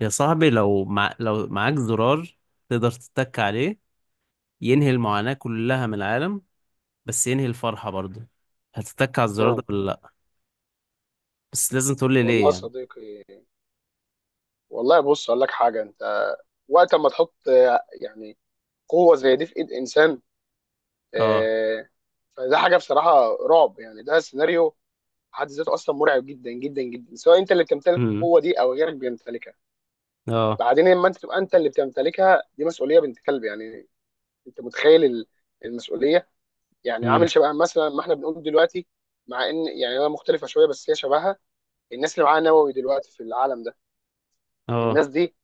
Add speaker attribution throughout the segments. Speaker 1: يا صاحبي، لو معاك زرار تقدر تتك عليه ينهي المعاناة كلها من العالم، بس ينهي الفرحة برضه. هتتك على الزرار ده
Speaker 2: مم.
Speaker 1: ولا لأ؟ بس لازم تقول لي
Speaker 2: والله
Speaker 1: ليه
Speaker 2: يا
Speaker 1: يعني.
Speaker 2: صديقي. والله، بص اقول لك حاجه. انت وقت ما تحط يعني قوه زي دي في ايد انسان،
Speaker 1: اه.
Speaker 2: آه، فده حاجه بصراحه رعب. يعني ده سيناريو في حد ذاته اصلا مرعب جدا جدا جدا، سواء انت اللي بتمتلك
Speaker 1: امم.
Speaker 2: القوه دي او غيرك بيمتلكها.
Speaker 1: اه.
Speaker 2: بعدين لما انت تبقى انت اللي بتمتلكها، دي مسؤوليه بنت كلب يعني. انت متخيل المسؤوليه؟ يعني
Speaker 1: امم.
Speaker 2: عامل شبه مثلا ما احنا بنقول دلوقتي، مع ان يعني هي مختلفه شويه بس هي شبهها. الناس اللي معاها نووي دلوقتي في العالم ده،
Speaker 1: اه.
Speaker 2: الناس دي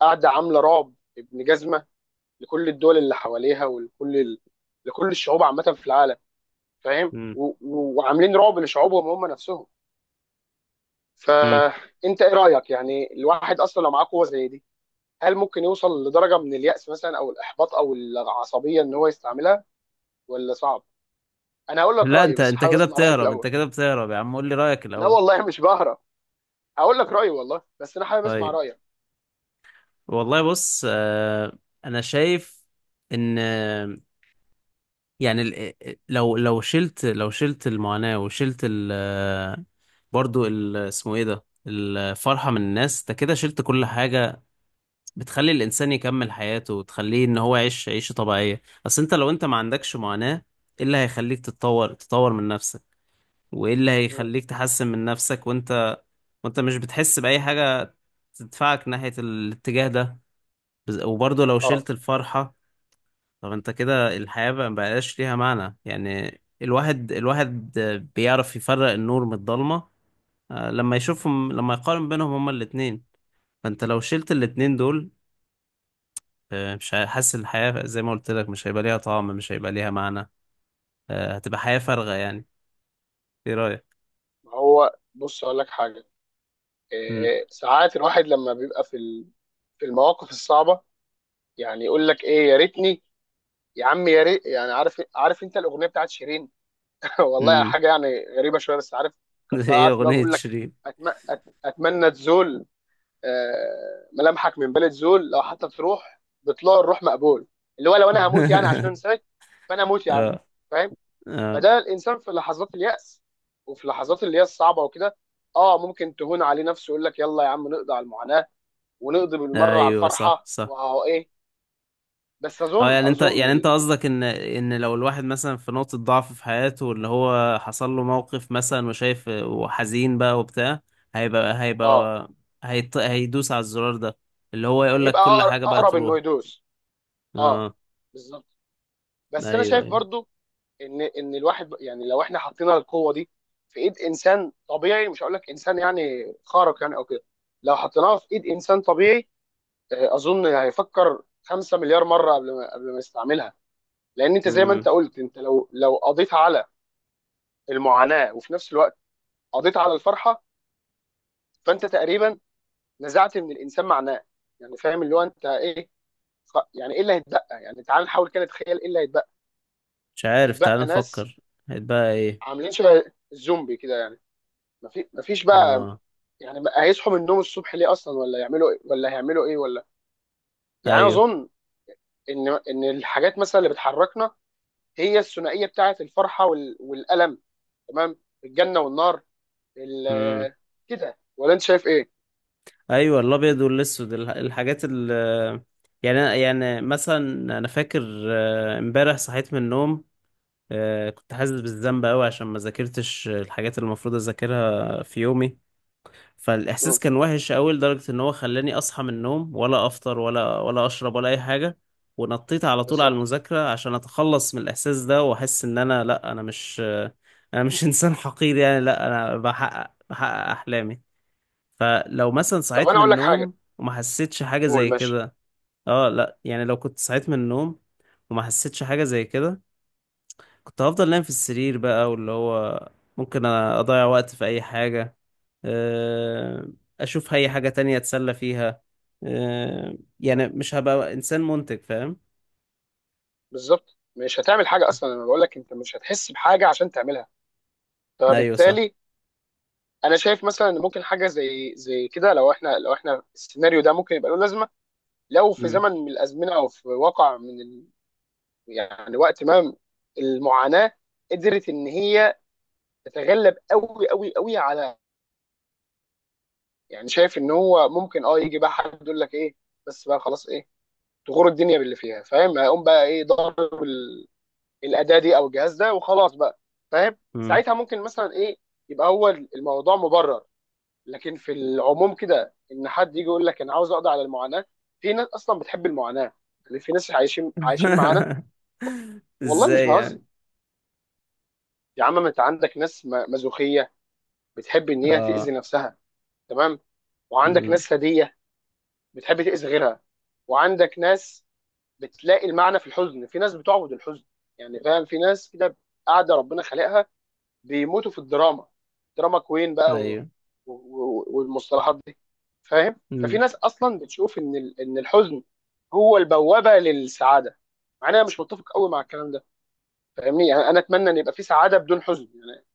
Speaker 2: قاعده عامله رعب ابن جزمه لكل الدول اللي حواليها ولكل لكل الشعوب عامه في العالم. فاهم؟
Speaker 1: امم.
Speaker 2: وعاملين رعب لشعوبهم هم نفسهم.
Speaker 1: امم.
Speaker 2: فانت ايه رايك؟ يعني الواحد اصلا لو معاه قوه زي دي، هل ممكن يوصل لدرجه من اليأس مثلا او الاحباط او العصبيه ان هو يستعملها، ولا صعب؟ انا هقول لك
Speaker 1: لا،
Speaker 2: رايي
Speaker 1: انت
Speaker 2: بس
Speaker 1: انت
Speaker 2: حابب
Speaker 1: كده
Speaker 2: اسمع رايك
Speaker 1: بتهرب، انت
Speaker 2: الاول.
Speaker 1: كده بتهرب يا عم، قول لي رأيك
Speaker 2: لا
Speaker 1: الأول.
Speaker 2: والله مش بهرب، هقول لك رايي والله، بس انا حابب اسمع
Speaker 1: طيب.
Speaker 2: رايك.
Speaker 1: والله بص، انا شايف ان يعني إيه، إيه، لو شلت المعاناة وشلت برضو ال اسمه ايه ده الفرحة من الناس، ده كده شلت كل حاجة بتخلي الإنسان يكمل حياته وتخليه إن هو يعيش عيشة طبيعية. أصل أنت لو أنت ما عندكش معاناة، إيه اللي هيخليك تطور من نفسك؟ وإيه اللي
Speaker 2: مم.
Speaker 1: هيخليك تحسن من نفسك، وأنت مش بتحس بأي حاجة تدفعك ناحية الاتجاه ده؟ وبرضو لو
Speaker 2: اه،
Speaker 1: شلت الفرحة، طب انت كده الحياة بقى مبقاش ليها معنى، يعني الواحد، بيعرف يفرق النور من الضلمة لما يقارن بينهم هما الاتنين. فانت لو شلت الاتنين دول، مش ه- حاسس الحياة زي ما قلت لك مش هيبقى ليها طعم، مش هيبقى ليها معنى، هتبقى حياة فارغة يعني. ايه رأيك؟
Speaker 2: هو بص اقول لك حاجه.
Speaker 1: مم.
Speaker 2: ساعات الواحد لما بيبقى في المواقف الصعبه، يعني يقول لك ايه، يا ريتني، يا عم يا ريت، يعني عارف انت الاغنيه بتاعت شيرين؟ والله
Speaker 1: مم.
Speaker 2: حاجه يعني غريبه شويه بس عارف فكرتها،
Speaker 1: ايه
Speaker 2: عارف اللي هو
Speaker 1: أغنية
Speaker 2: بيقول لك:
Speaker 1: شيرين؟
Speaker 2: أتم... اتمنى تزول، ملامحك من بلد زول، لو حتى تروح بطلوع الروح مقبول. اللي هو لو انا هموت يعني عشان انساك، فانا اموت يا عم.
Speaker 1: اه.
Speaker 2: فاهم؟
Speaker 1: اه.
Speaker 2: فده الانسان في لحظات اليأس، وفي لحظات اللي هي الصعبه وكده، اه ممكن تهون عليه نفسه، يقول لك يلا يا عم نقضي على المعاناه، ونقضي بالمره على
Speaker 1: ايوه، صح
Speaker 2: الفرحه،
Speaker 1: صح.
Speaker 2: واهو ايه. بس
Speaker 1: اه،
Speaker 2: اظن
Speaker 1: يعني انت
Speaker 2: اظن
Speaker 1: يعني انت قصدك ان لو الواحد مثلا في نقطة ضعف في حياته، اللي هو حصل له موقف مثلا وشايف وحزين بقى وبتاع، هيبقى،
Speaker 2: اه،
Speaker 1: هيدوس على الزرار ده اللي هو يقول لك
Speaker 2: هيبقى
Speaker 1: كل حاجة بقى
Speaker 2: اقرب انه
Speaker 1: تروح.
Speaker 2: يدوس. اه،
Speaker 1: اه.
Speaker 2: بالظبط. بس انا
Speaker 1: ايوه،
Speaker 2: شايف
Speaker 1: ايوه.
Speaker 2: برضو ان الواحد، يعني لو احنا حطينا القوه دي في ايد انسان طبيعي، مش هقول لك انسان يعني خارق يعني او كده، لو حطيناها في ايد انسان طبيعي، اظن هيفكر 5 مليار مره قبل ما يستعملها. لان انت زي ما انت
Speaker 1: امم.
Speaker 2: قلت، انت لو قضيت على المعاناه وفي نفس الوقت قضيت على الفرحه، فانت تقريبا نزعت من الانسان معناه. يعني فاهم اللي هو انت ايه؟ يعني ايه اللي هيتبقى؟ يعني تعال نحاول كده نتخيل ايه اللي هيتبقى.
Speaker 1: مش عارف، تعال
Speaker 2: هيتبقى ناس
Speaker 1: نفكر. هيتبقى ايه؟
Speaker 2: عاملين شبه الزومبي كده يعني. مفيش بقى
Speaker 1: اه.
Speaker 2: يعني. بقى هيصحوا من النوم الصبح ليه اصلا، ولا يعملوا ايه، ولا هيعملوا ايه، ولا. يعني انا
Speaker 1: ايوه.
Speaker 2: اظن ان الحاجات مثلا اللي بتحركنا هي الثنائيه بتاعه الفرحه والالم، تمام، الجنه والنار،
Speaker 1: امم.
Speaker 2: ال... كده، ولا انت شايف ايه؟
Speaker 1: ايوه، الابيض والاسود، الحاجات يعني، مثلا انا فاكر امبارح صحيت من النوم، كنت حاسس بالذنب قوي عشان ما ذاكرتش الحاجات اللي المفروض اذاكرها في يومي. فالاحساس
Speaker 2: مم.
Speaker 1: كان وحش قوي لدرجه ان هو خلاني اصحى من النوم ولا افطر ولا، اشرب ولا اي حاجه، ونطيت على طول على
Speaker 2: بالظبط.
Speaker 1: المذاكره عشان اتخلص من الاحساس ده واحس ان لا، انا مش انا مش انسان حقير يعني. لا، انا بحقق احلامي. فلو مثلا
Speaker 2: طب
Speaker 1: صحيت
Speaker 2: انا
Speaker 1: من
Speaker 2: اقول لك حاجه.
Speaker 1: النوم وما حسيتش حاجه
Speaker 2: قول،
Speaker 1: زي
Speaker 2: ماشي.
Speaker 1: كده. اه، لا، يعني لو كنت صحيت من النوم وما حسيتش حاجه زي كده، كنت هفضل نايم في السرير بقى، واللي هو ممكن اضيع وقت في اي حاجة، آه، اشوف اي حاجة تانية اتسلى فيها، آه، يعني مش هبقى انسان منتج، فاهم.
Speaker 2: بالظبط مش هتعمل حاجه اصلا، انا بقول لك انت مش هتحس بحاجه عشان تعملها،
Speaker 1: ايوه، صح.
Speaker 2: فبالتالي انا شايف مثلا ان ممكن حاجه زي كده، لو احنا السيناريو ده ممكن يبقى له لازمه، لو في
Speaker 1: مم.
Speaker 2: زمن من الازمنه او في واقع يعني وقت ما المعاناه قدرت ان هي تتغلب قوي قوي قوي على، يعني شايف ان هو ممكن، اه، يجي بقى حد يقول لك ايه بس بقى خلاص، ايه، تغور الدنيا باللي فيها، فاهم، هيقوم بقى ايه ضارب الاداه دي او الجهاز ده وخلاص بقى. فاهم؟
Speaker 1: مم.
Speaker 2: ساعتها ممكن مثلا ايه، يبقى هو الموضوع مبرر. لكن في العموم كده، ان حد يجي يقول لك انا عاوز اقضي على المعاناه، في ناس اصلا بتحب المعاناه، يعني في ناس عايشين عايشين معانا. والله مش
Speaker 1: ازاي
Speaker 2: بهزر.
Speaker 1: يعني؟
Speaker 2: يا عم، ما انت عندك ناس مازوخيه بتحب ان هي تاذي
Speaker 1: اه.
Speaker 2: نفسها، تمام، وعندك
Speaker 1: مم.
Speaker 2: ناس ثديه بتحب تاذي غيرها، وعندك ناس بتلاقي المعنى في الحزن، في ناس بتعبد الحزن يعني. فاهم؟ في ناس كده قاعده ربنا خلقها بيموتوا في الدراما، دراما كوين بقى،
Speaker 1: ايوه.
Speaker 2: والمصطلحات دي. فاهم؟ ففي
Speaker 1: مم.
Speaker 2: ناس اصلا بتشوف ان ان الحزن هو البوابه للسعاده. مع إن انا مش متفق قوي مع الكلام ده، فاهمني؟ يعني انا اتمنى ان يبقى في سعاده بدون حزن يعني،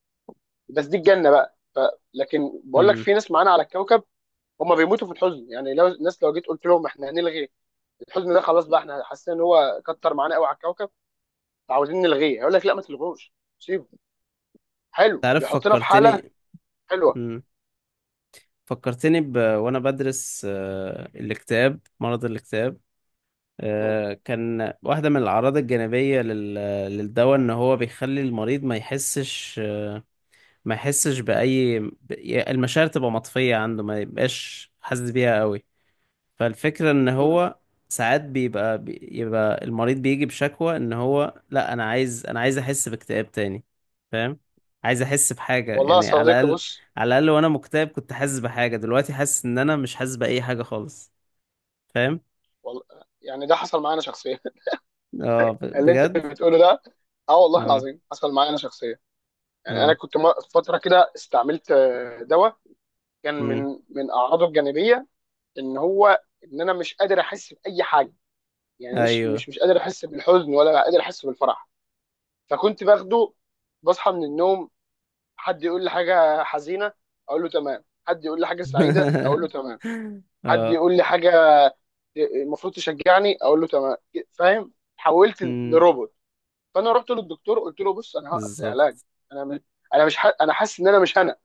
Speaker 2: بس دي الجنه بقى لكن بقول لك
Speaker 1: مم.
Speaker 2: في ناس معانا على الكوكب هم بيموتوا في الحزن، يعني لو الناس، لو جيت قلت لهم احنا هنلغي الحزن ده خلاص بقى، احنا حاسين ان هو كتر معانا قوي على الكوكب عاوزين نلغيه، هيقول لك لا ما تلغوش، سيبه حلو،
Speaker 1: تعرف
Speaker 2: بيحطنا في حاله
Speaker 1: فكرتني.
Speaker 2: حلوه.
Speaker 1: مم. فكرتني وانا بدرس مرض الاكتئاب،
Speaker 2: م.
Speaker 1: كان واحدة من الأعراض الجانبية للدواء إن هو بيخلي المريض ما يحسش بأي، المشاعر تبقى مطفية عنده، ما يبقاش حاسس بيها قوي. فالفكرة إن
Speaker 2: م.
Speaker 1: هو ساعات بيبقى، المريض بيجي بشكوى إن هو لا، أنا عايز أحس باكتئاب تاني، فاهم. عايز أحس بحاجة
Speaker 2: والله يا
Speaker 1: يعني على
Speaker 2: صديقي،
Speaker 1: الأقل.
Speaker 2: بص
Speaker 1: وأنا مكتئب كنت حاسس بحاجة، دلوقتي حاسس إن أنا مش حاسس بأي حاجة خالص، فاهم.
Speaker 2: والله، يعني ده حصل معايا انا شخصيا،
Speaker 1: اه،
Speaker 2: اللي انت
Speaker 1: بجد.
Speaker 2: بتقوله ده. اه والله
Speaker 1: اه.
Speaker 2: العظيم حصل معايا انا شخصيا. يعني انا
Speaker 1: اه.
Speaker 2: كنت فتره كده استعملت دواء، كان
Speaker 1: امم.
Speaker 2: من اعراضه الجانبيه ان هو ان انا مش قادر احس باي حاجه، يعني مش
Speaker 1: ايوه.
Speaker 2: مش مش قادر احس بالحزن ولا قادر احس بالفرح. فكنت باخده، بصحى من النوم، حد يقول لي حاجه حزينه اقول له تمام، حد يقول لي حاجه سعيده اقول له تمام، حد
Speaker 1: اه.
Speaker 2: يقول لي حاجه المفروض تشجعني اقول له تمام. فاهم؟ حولت
Speaker 1: امم.
Speaker 2: لروبوت. فانا رحت للدكتور، قلت له بص انا هوقف العلاج،
Speaker 1: بالظبط.
Speaker 2: انا مش انا حاسس ان انا مش انا.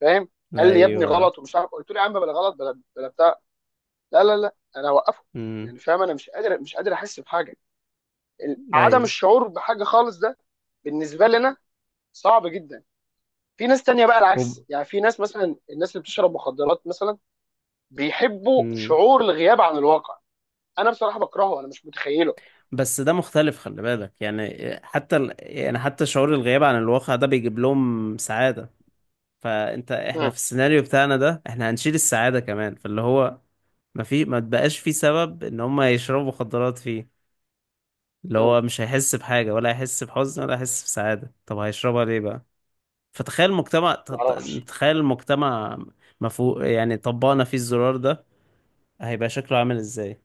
Speaker 2: فاهم؟ قال لي يا ابني
Speaker 1: ايوه.
Speaker 2: غلط ومش عارف، قلت له يا عم بلا غلط بلا بلا بتاع، لا لا لا انا هوقفه.
Speaker 1: امم.
Speaker 2: يعني فاهم انا مش قادر احس بحاجه، عدم
Speaker 1: ايوه.
Speaker 2: الشعور بحاجه خالص ده بالنسبه لنا صعب جدا. في ناس تانية بقى العكس،
Speaker 1: وب...
Speaker 2: يعني في ناس مثلا، الناس اللي بتشرب مخدرات مثلا بيحبوا
Speaker 1: امم.
Speaker 2: شعور الغياب عن الواقع. انا بصراحه بكرهه، انا مش متخيله.
Speaker 1: بس ده مختلف، خلي بالك يعني. حتى يعني حتى شعور الغياب عن الواقع ده بيجيب لهم سعادة. احنا
Speaker 2: مم.
Speaker 1: في السيناريو بتاعنا ده احنا هنشيل السعادة كمان، فاللي هو ما تبقاش في سبب ان هم يشربوا مخدرات فيه، اللي
Speaker 2: مم.
Speaker 1: هو مش هيحس بحاجة ولا هيحس بحزن ولا هيحس بسعادة، طب هيشربها ليه بقى؟ فتخيل مجتمع
Speaker 2: ما
Speaker 1: تط-
Speaker 2: اعرفش.
Speaker 1: تخيل مجتمع، مفهو يعني طبقنا فيه الزرار ده، هيبقى شكله عامل ازاي؟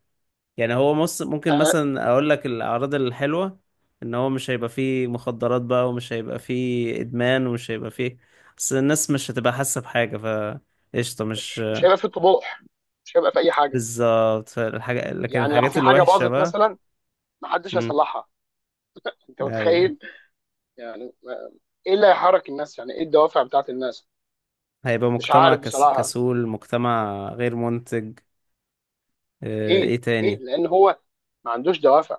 Speaker 1: يعني هو ممكن
Speaker 2: آه،
Speaker 1: مثلا اقول لك الاعراض الحلوة ان هو مش هيبقى فيه مخدرات بقى، ومش هيبقى فيه ادمان، ومش هيبقى فيه. بس الناس مش هتبقى حاسة بحاجة، ف قشطة،
Speaker 2: بس
Speaker 1: مش
Speaker 2: مش هيبقى في طموح، مش هيبقى في اي حاجه.
Speaker 1: بالظبط الحاجة. لكن
Speaker 2: يعني لو
Speaker 1: الحاجات
Speaker 2: في حاجه
Speaker 1: الوحشة
Speaker 2: باظت
Speaker 1: بقى،
Speaker 2: مثلا، محدش
Speaker 1: امم،
Speaker 2: هيصلحها. انت
Speaker 1: ايوه،
Speaker 2: متخيل؟ يعني ايه اللي هيحرك الناس؟ يعني ايه الدوافع بتاعت الناس؟
Speaker 1: هيبقى
Speaker 2: مش
Speaker 1: مجتمع
Speaker 2: عارف بصراحه.
Speaker 1: كسول، مجتمع غير منتج. اه... ايه
Speaker 2: اكيد اكيد
Speaker 1: تاني؟
Speaker 2: لان هو ما عندوش دوافع.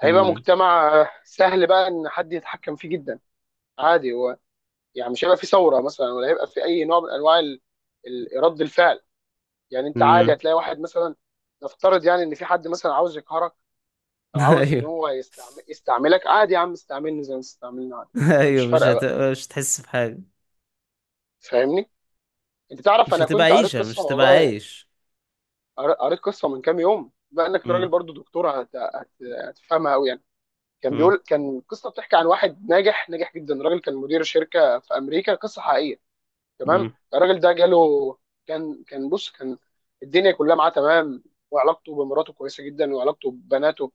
Speaker 2: هيبقى
Speaker 1: امم.
Speaker 2: مجتمع سهل بقى ان حد يتحكم فيه جدا. عادي هو، يعني مش هيبقى في ثوره مثلا، ولا هيبقى في اي نوع من انواع رد الفعل. يعني انت عادي
Speaker 1: امم.
Speaker 2: هتلاقي واحد مثلا، نفترض يعني ان في حد مثلا عاوز يقهرك، او عاوز ان
Speaker 1: ايوه.
Speaker 2: هو يستعملك، عادي يا عم استعملني زي ما استعملني، عادي مش
Speaker 1: ايوه،
Speaker 2: فارقه بقى.
Speaker 1: مش هتحس بحاجه،
Speaker 2: فاهمني؟ انت تعرف
Speaker 1: مش
Speaker 2: انا
Speaker 1: هتبقى
Speaker 2: كنت قريت
Speaker 1: عيشه،
Speaker 2: قصه
Speaker 1: مش هتبقى
Speaker 2: والله،
Speaker 1: عايش.
Speaker 2: قريت قصه من كام يوم، بما انك راجل
Speaker 1: امم.
Speaker 2: برضو دكتور هتفهمها قوي يعني. كان
Speaker 1: امم.
Speaker 2: بيقول، كان قصه بتحكي عن واحد ناجح ناجح جدا، راجل كان مدير شركه في امريكا، قصه حقيقيه، تمام.
Speaker 1: امم.
Speaker 2: الراجل ده جاله، كان الدنيا كلها معاه، تمام، وعلاقته بمراته كويسه جدا، وعلاقته ببناته،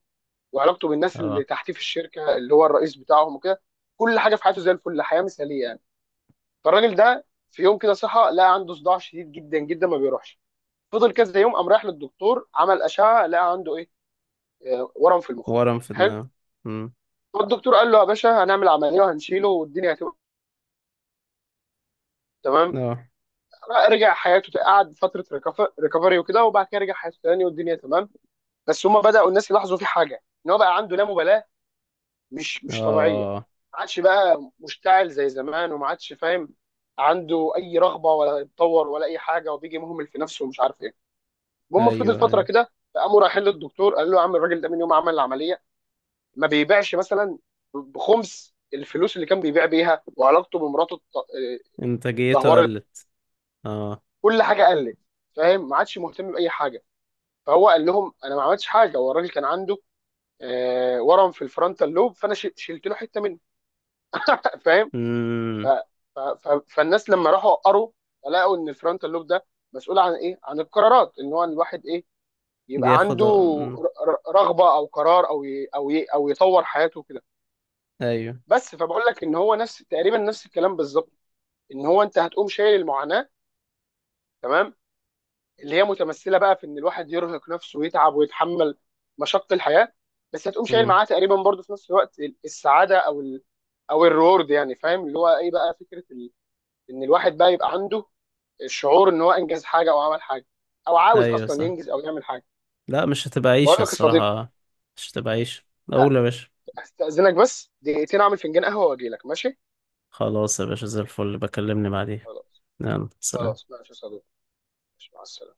Speaker 2: وعلاقته بالناس اللي
Speaker 1: اه.
Speaker 2: تحتيه في الشركه اللي هو الرئيس بتاعهم وكده، كل حاجه في حياته زي الفل، حياه مثاليه يعني. فالراجل ده في يوم كده صحى، لقى عنده صداع شديد جدا جدا ما بيروحش، فضل كذا يوم، قام رايح للدكتور، عمل اشعه، لقى عنده ايه؟ ورم في المخ.
Speaker 1: ورم في
Speaker 2: حلو.
Speaker 1: دماغه. امم.
Speaker 2: فالدكتور قال له يا باشا، هنعمل عمليه وهنشيله، والدنيا هتبقى تمام.
Speaker 1: اه.
Speaker 2: رجع حياته، قعد فتره ريكفري وكده، وبعد كده رجع حياته تاني والدنيا تمام. بس هم بداوا الناس يلاحظوا في حاجه، ان هو بقى عنده لا مبالاه مش طبيعيه،
Speaker 1: اه.
Speaker 2: ما عادش بقى مشتعل زي زمان، وما عادش فاهم عنده اي رغبه، ولا يتطور ولا اي حاجه، وبيجي مهمل في نفسه ومش عارف ايه. المهم، فضل
Speaker 1: ايوه،
Speaker 2: فتره
Speaker 1: ايوه.
Speaker 2: كده، فقاموا رايحين للدكتور، قال له يا عم الراجل ده من يوم ما عمل العمليه ما بيبيعش مثلا بخمس الفلوس اللي كان بيبيع بيها، وعلاقته بمراته
Speaker 1: انتاجيته
Speaker 2: اتدهورت،
Speaker 1: قلت. اه.
Speaker 2: كل حاجه قلت، فاهم، ما عادش مهتم باي حاجه. فهو قال لهم انا ما عملتش حاجه، هو الراجل كان عنده ورم في الفرونتال لوب، فانا شلت له حته منه. فاهم؟ ف...
Speaker 1: امم.
Speaker 2: ف... ف... فالناس لما راحوا قروا لقوا ان الفرونتال لوب ده مسؤول عن ايه؟ عن القرارات، ان هو الواحد ايه يبقى
Speaker 1: بياخد.
Speaker 2: عنده
Speaker 1: امم.
Speaker 2: رغبه او قرار او يطور حياته كده.
Speaker 1: ايوه.
Speaker 2: بس فبقول لك ان هو نفس تقريبا نفس الكلام بالظبط، ان هو انت هتقوم شايل المعاناه، تمام، اللي هي متمثله بقى في ان الواحد يرهق نفسه ويتعب ويتحمل مشق الحياه، بس هتقوم شايل
Speaker 1: امم.
Speaker 2: معاه تقريبا برضه في نفس الوقت السعاده او الريورد، يعني فاهم اللي هو ايه بقى فكره ان الواحد بقى يبقى عنده الشعور ان هو انجز حاجه او عمل حاجه، او عاوز
Speaker 1: ايوه،
Speaker 2: اصلا
Speaker 1: صح.
Speaker 2: ينجز او يعمل حاجه.
Speaker 1: لا، مش هتبقى عيشه
Speaker 2: بقول لك يا صديقي،
Speaker 1: الصراحه، مش هتبقى عيشه.
Speaker 2: ه-
Speaker 1: اقول يا باشا.
Speaker 2: هستأذنك بس دقيقتين، اعمل فنجان قهوه واجي لك، ماشي؟
Speaker 1: خلاص يا باشا، زي الفل، بكلمني بعدين.
Speaker 2: خلاص.
Speaker 1: يلا،
Speaker 2: خلاص
Speaker 1: سلام.
Speaker 2: ماشي يا صديقي، ماشي مع السلامه.